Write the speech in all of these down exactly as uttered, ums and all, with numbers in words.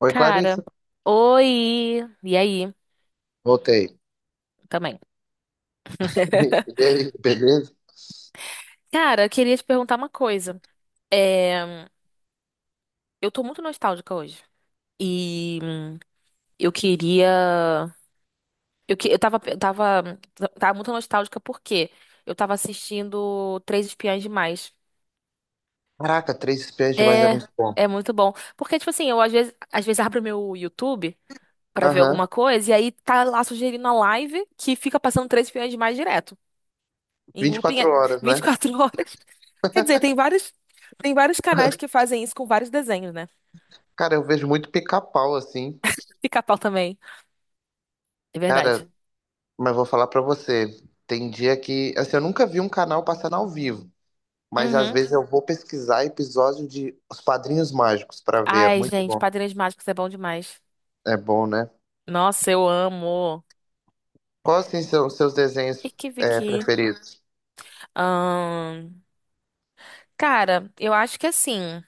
Oi, Cara, Clarissa. oi! E aí? Voltei. Também. E aí, beleza? Cara, eu queria te perguntar uma coisa. É, eu tô muito nostálgica hoje. E hum, eu queria. Eu, que- eu tava, eu tava, tava muito nostálgica porque eu tava assistindo Três Espiãs Demais. Caraca, três espiãs demais é É, muito bom. é muito bom. Porque, tipo assim, eu às vezes, às vezes abro meu YouTube pra ver Aham. alguma coisa e aí tá lá sugerindo a live que fica passando Três Espiãs Demais direto. Em vinte e looping é quatro horas, vinte e né? quatro horas. Quer dizer, tem vários, tem vários canais que fazem isso com vários desenhos, né? Cara, eu vejo muito pica-pau, assim. Pica-pau também. É verdade. Cara, mas vou falar pra você. Tem dia que. Assim, eu nunca vi um canal passando ao vivo. Mas às Uhum. vezes eu vou pesquisar episódio de Os Padrinhos Mágicos pra ver. É Ai, muito gente, bom. Padrinhos Mágicos é bom demais. É bom, né? Nossa, eu amo. Quais, assim, são seus desenhos Iki é, Viki. preferidos? Ahn, cara, eu acho que assim.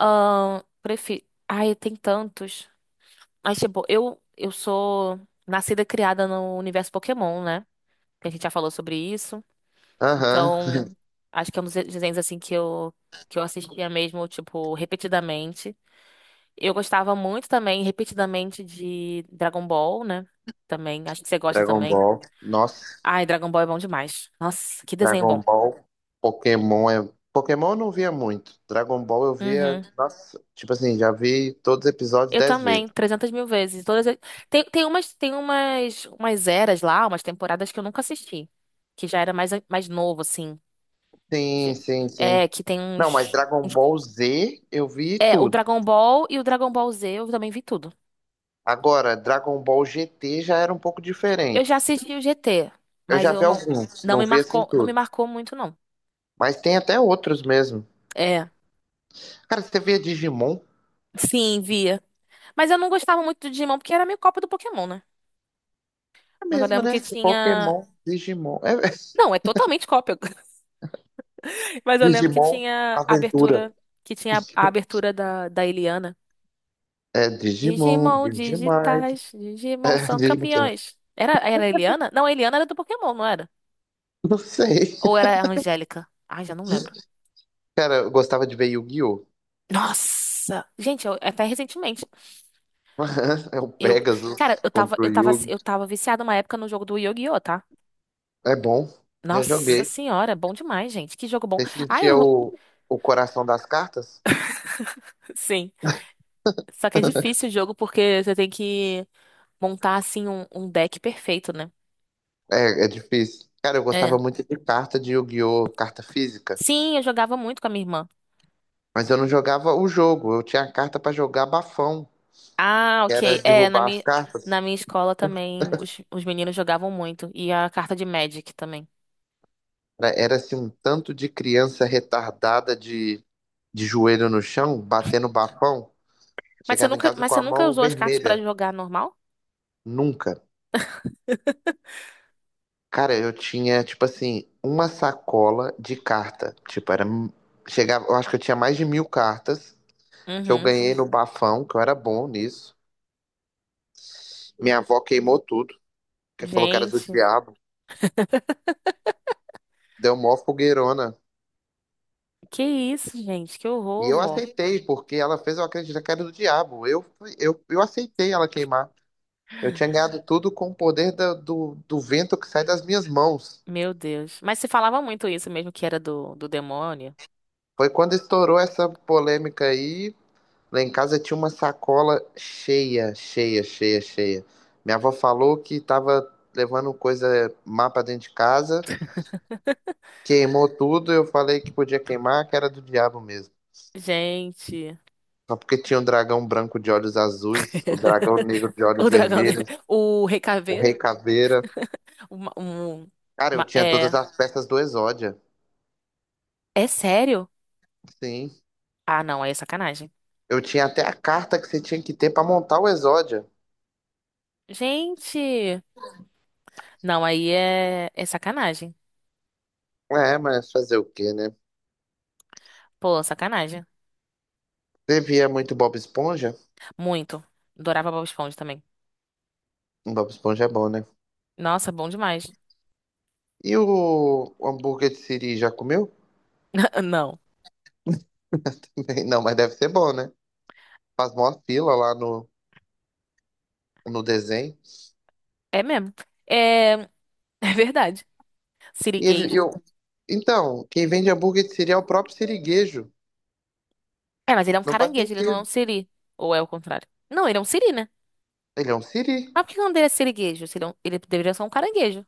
ahn, prefi... Ai, tem tantos. Mas, tipo, eu, eu sou nascida e criada no universo Pokémon, né? Que a gente já falou sobre isso. Aham. Então, acho que é um dos desenhos assim que eu que eu assistia mesmo, tipo, repetidamente. Eu gostava muito também, repetidamente, de Dragon Ball, né? Também, acho que você gosta Dragon também. Ball. Nossa. Ai, Dragon Ball é bom demais. Nossa, que desenho Dragon bom. Ball, Pokémon é. Pokémon eu não via muito. Dragon Ball eu via. Uhum. Nossa, tipo assim, já vi todos os episódios Eu dez vezes. também, trezentas mil vezes. Todas as- tem, tem umas, tem umas, umas eras lá, umas temporadas que eu nunca assisti. Que já era mais, mais novo, assim. de- Sim, sim, É, sim. que tem Não, mas uns, Dragon uns. Ball Z eu vi É, o tudo. Dragon Ball e o Dragon Ball Z, eu também vi tudo. Agora, Dragon Ball G T já era um pouco Eu diferente. já assisti o G T, Eu mas já eu vi não, alguns, não não me vi assim marcou, não me tudo. marcou muito, não. Mas tem até outros mesmo. É, Cara, você via Digimon? sim, via. Mas eu não gostava muito do Digimon porque era meio cópia do Pokémon, né? É Mas eu mesmo, lembro né? que tinha. Pokémon, Digimon. É, é. Não, é totalmente cópia. Mas eu lembro que Digimon tinha a Aventura. abertura, que tinha a abertura da, da Eliana. É Digimon, Digimon Digimon, digitais, Digimon são Digimon quem? campeões. Era, era a Eliana? Não, a Eliana era do Pokémon, não era? Não sei. Ou era a Angélica? Ai, já não lembro. Cara, eu gostava de ver Yu-Gi-Oh! Nossa! Gente, eu- até recentemente. É o Eu, cara, Pegasus eu tava, contra o eu tava, Yu. eu tava viciada uma época no jogo do Yu-Gi-Oh, tá? É bom. Já Nossa joguei. senhora, bom demais, gente. Que jogo bom. Você Ah, sentia eu... o, o coração das cartas? Sim. Só que é difícil o jogo porque você tem que montar, assim, um, um deck perfeito, né? É, é difícil. Cara, eu É. gostava muito de carta de Yu-Gi-Oh! Carta física. Sim, eu jogava muito com a minha irmã. Mas eu não jogava o jogo. Eu tinha a carta pra jogar bafão, Ah, que era ok. É, na derrubar as minha, cartas. na minha escola também os, os meninos jogavam muito. E a carta de Magic também. Era, era assim, um tanto de criança retardada de, de joelho no chão, batendo bafão. Mas você Chegava em nunca, casa mas com você a nunca mão usou as cartas pra vermelha. jogar normal? Nunca. Cara, eu tinha, tipo assim, uma sacola de carta. Tipo, era. Chegava, eu acho que eu tinha mais de mil cartas que eu Uhum. ganhei no bafão, que eu era bom nisso. Minha avó queimou tudo, que falou que era do Gente, diabo. Deu mó fogueirona. que isso, gente? Que E horror, eu vó. aceitei, porque ela fez eu acreditar que era do diabo. Eu, fui- eu, eu aceitei ela queimar. Eu tinha ganhado tudo com o poder da- do, do vento que sai das minhas mãos. Meu Deus. Mas se falava muito isso mesmo, que era do, do demônio. Foi quando estourou essa polêmica aí. Lá em casa tinha uma sacola cheia, cheia, cheia, cheia. Minha avó falou que tava levando coisa má pra dentro de casa, queimou tudo. Eu falei que podia queimar, que era do diabo mesmo. Gente, Só porque tinha um dragão branco de olhos azuis, o dragão negro de o olhos dragão, de- vermelhos, o Rei o Caveira. rei caveira. Uma, um, Cara, eu uma- tinha todas é, as peças do Exódia. é sério? Sim. Ah, não, aí é sacanagem. Eu tinha até a carta que você tinha que ter pra montar o Exódia. Gente, não, aí é, é sacanagem. É, mas fazer o quê, né? Pô, sacanagem. Você via muito Bob Esponja? Muito. Adorava Bob Esponja também. Bob Esponja é bom, né? Nossa, bom demais. E o hambúrguer de Siri já comeu? Não, Não, mas deve ser bom, né? Faz mó fila lá no, no desenho. é mesmo. É, é verdade. E ele, Sirigueijo. eu, então, quem vende hambúrguer de Siri é o próprio siriguejo. É, mas ele é um Não faz caranguejo, ele não é um sentido. siri. Ou é o contrário? Não, ele é um siri, né? Ele é um siri. Mas por que que não deveria ser siriguejo? Se Ele, é um- ele deveria ser um caranguejo.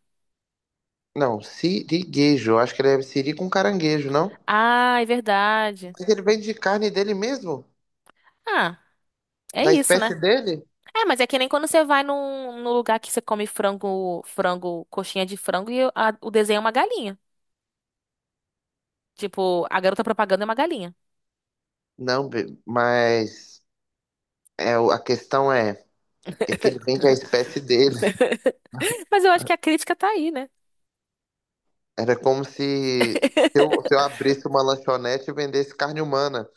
Não, siriguejo. Eu acho que ele é siri com caranguejo, não? Ah, é verdade. Mas ele vende carne dele mesmo? Ah, é Da isso, espécie né? dele? É, mas é que nem quando você vai num, num lugar que você come frango, frango, coxinha de frango e a- o desenho é uma galinha. Tipo, a garota propaganda é uma galinha. Não, be- mas é, o- a questão é, é que ele vende a espécie dele. Mas eu acho que a crítica tá aí, né? Era como se, se eu, se eu abrisse uma lanchonete e vendesse carne humana.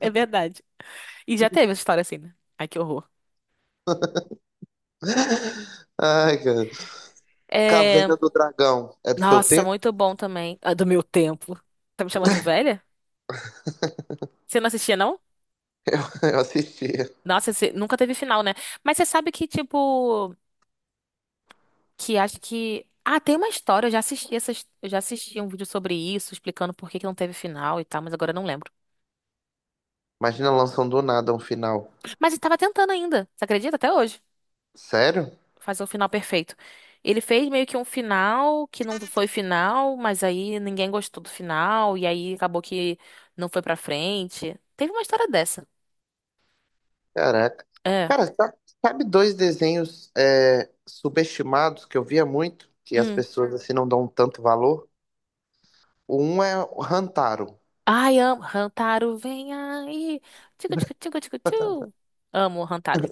É verdade. E já teve essa história assim, né? Ai, que horror. Ai, cara. Caverna É... do Dragão. É do seu Nossa, tempo? muito bom também. Ah, do meu tempo. Tá me chamando de velha? Você não assistia, não? Eu, eu assistia. Nossa, você nunca teve final, né? Mas você sabe que, tipo. Que acho que. Ah, tem uma história, eu já assisti essas, eu já assisti um vídeo sobre isso, explicando por que que não teve final e tal, mas agora eu não lembro. Imagina lançando do nada um final. Mas ele tava tentando ainda, você acredita? Até hoje, Sério? fazer o final perfeito. Ele fez meio que um final que não foi final, mas aí ninguém gostou do final, e aí acabou que não foi pra frente. Teve uma história dessa. Caraca. É. Cara, sa- sabe dois desenhos é, subestimados que eu via muito, que as Hum. pessoas assim não dão tanto valor? Um é o Hantaro Ai, amo. Hantaro, vem aí. Tico, tico, tico, tico, tio. Amo o Hantaro.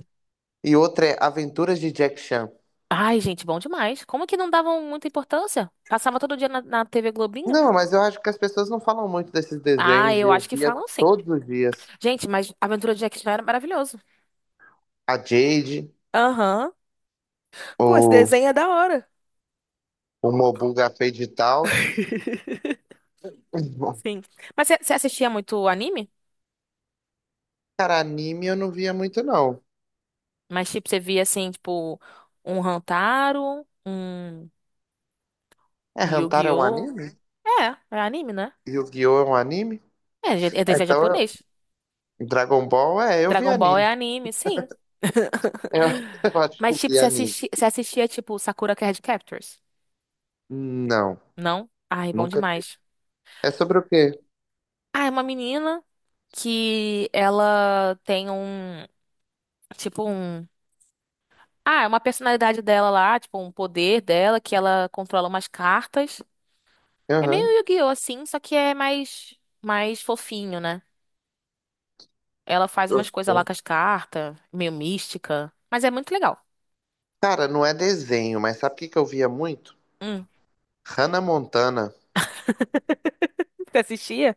e outro é Aventuras de Jack Chan. Ai, gente, bom demais. Como que não davam muita importância? Passava todo dia na, na T V Globinho? Não, mas eu acho que as pessoas não falam muito desses Ah, desenhos e eu eu acho que via falam sim. todos os dias. Gente, mas Aventura de Jack Chan era maravilhoso. A Jade, Aham. Pô, esse o, desenho é da hora. o Mobuga Fade e tal. Sim. Mas você você assistia muito anime? Cara, anime eu não via muito, não. Mas, tipo, você via, assim, tipo, um Hantaro, um, É, um Hantaro é um Yu-Gi-Oh! anime? É, é anime, né? Yu-Gi-Oh! É um anime? É, é é Ah, desenho então, eu- japonês. Dragon Ball, é, eu vi Dragon Ball é anime. anime, sim. Eu, eu acho que Mas, eu tipo, vi você anime. assisti- você assistia, tipo, Sakura Card Captors? Não, Não? Ai, bom nunca vi. demais. É sobre o quê? Ah, é uma menina que ela tem um, tipo um, ah, é uma personalidade dela lá, tipo um poder dela que ela controla umas cartas. É meio Aham. Yu-Gi-Oh assim, só que é mais mais fofinho, né? Ela faz umas coisas lá Ok. com as cartas, meio mística, mas é muito legal. Cara, não é desenho, mas sabe o que que eu via muito? Hum. Hannah Montana Você assistia?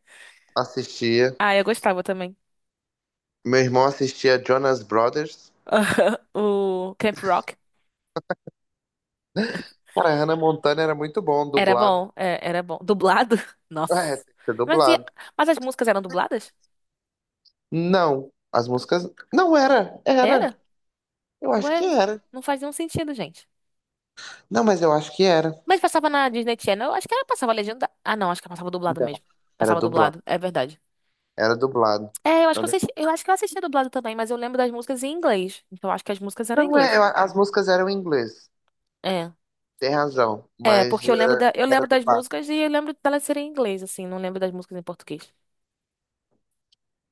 assistia. Ah, eu gostava também. Meu irmão assistia Jonas Brothers. O Camp Rock Cara, Hannah Montana era muito bom, era dublado. bom, é, era bom. Dublado? É, Nossa. tem que ser Mas, e- dublado. mas as músicas eram dubladas? Não, as músicas. Não era, era. Era? Eu acho que Ué, era. não faz nenhum sentido, gente. Não, mas eu acho que era. Mas passava na Disney Channel, eu acho que ela passava legenda. Ah, não, acho que ela passava dublado Não, mesmo. era Passava dublado. dublado, é verdade. Era dublado. É, eu acho que eu Olha. assisti, eu acho que eu assistia dublado também, mas eu lembro das músicas em inglês. Então eu acho que as músicas eram em Não, é, inglês. eu- as músicas eram em inglês. É. Tem razão, É, mas porque eu lembro é, da, eu era lembro das dublado. músicas e eu lembro delas serem em inglês, assim, não lembro das músicas em português.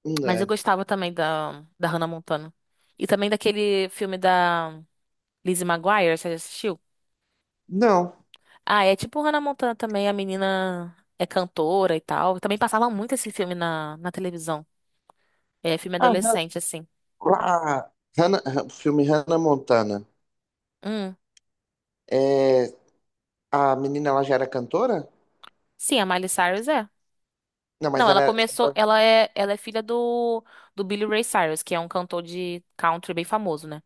Não. Mas eu É. gostava também da, da Hannah Montana. E também daquele filme da Lizzie McGuire, você já assistiu? Não. Ah, é tipo Hannah Montana também, a menina é cantora e tal. Também passava muito esse filme na, na televisão. É filme Ah, Han- adolescente, assim. lá, Hannah, Han- filme Hannah Montana. Hum. É, a menina, ela já era cantora? Sim, a Miley Cyrus é. Não, mas Não, ela ela era... começou. Ela é, ela é filha do, do Billy Ray Cyrus, que é um cantor de country bem famoso, né?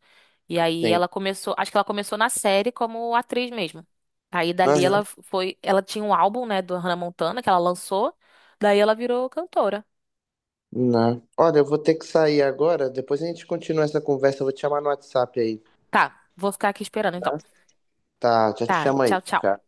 E aí Sim. ela começou. Acho que ela começou na série como atriz mesmo. Aí dali Aham. ela foi. Ela tinha um álbum, né, do Hannah Montana que ela lançou. Daí ela virou cantora. Não. Olha, eu vou ter que sair agora. Depois a gente continua essa conversa. Eu vou te chamar no WhatsApp aí, Tá, vou ficar aqui esperando então. tá? Tá, já te Tá, chamo aí. tchau, Tchau. tchau.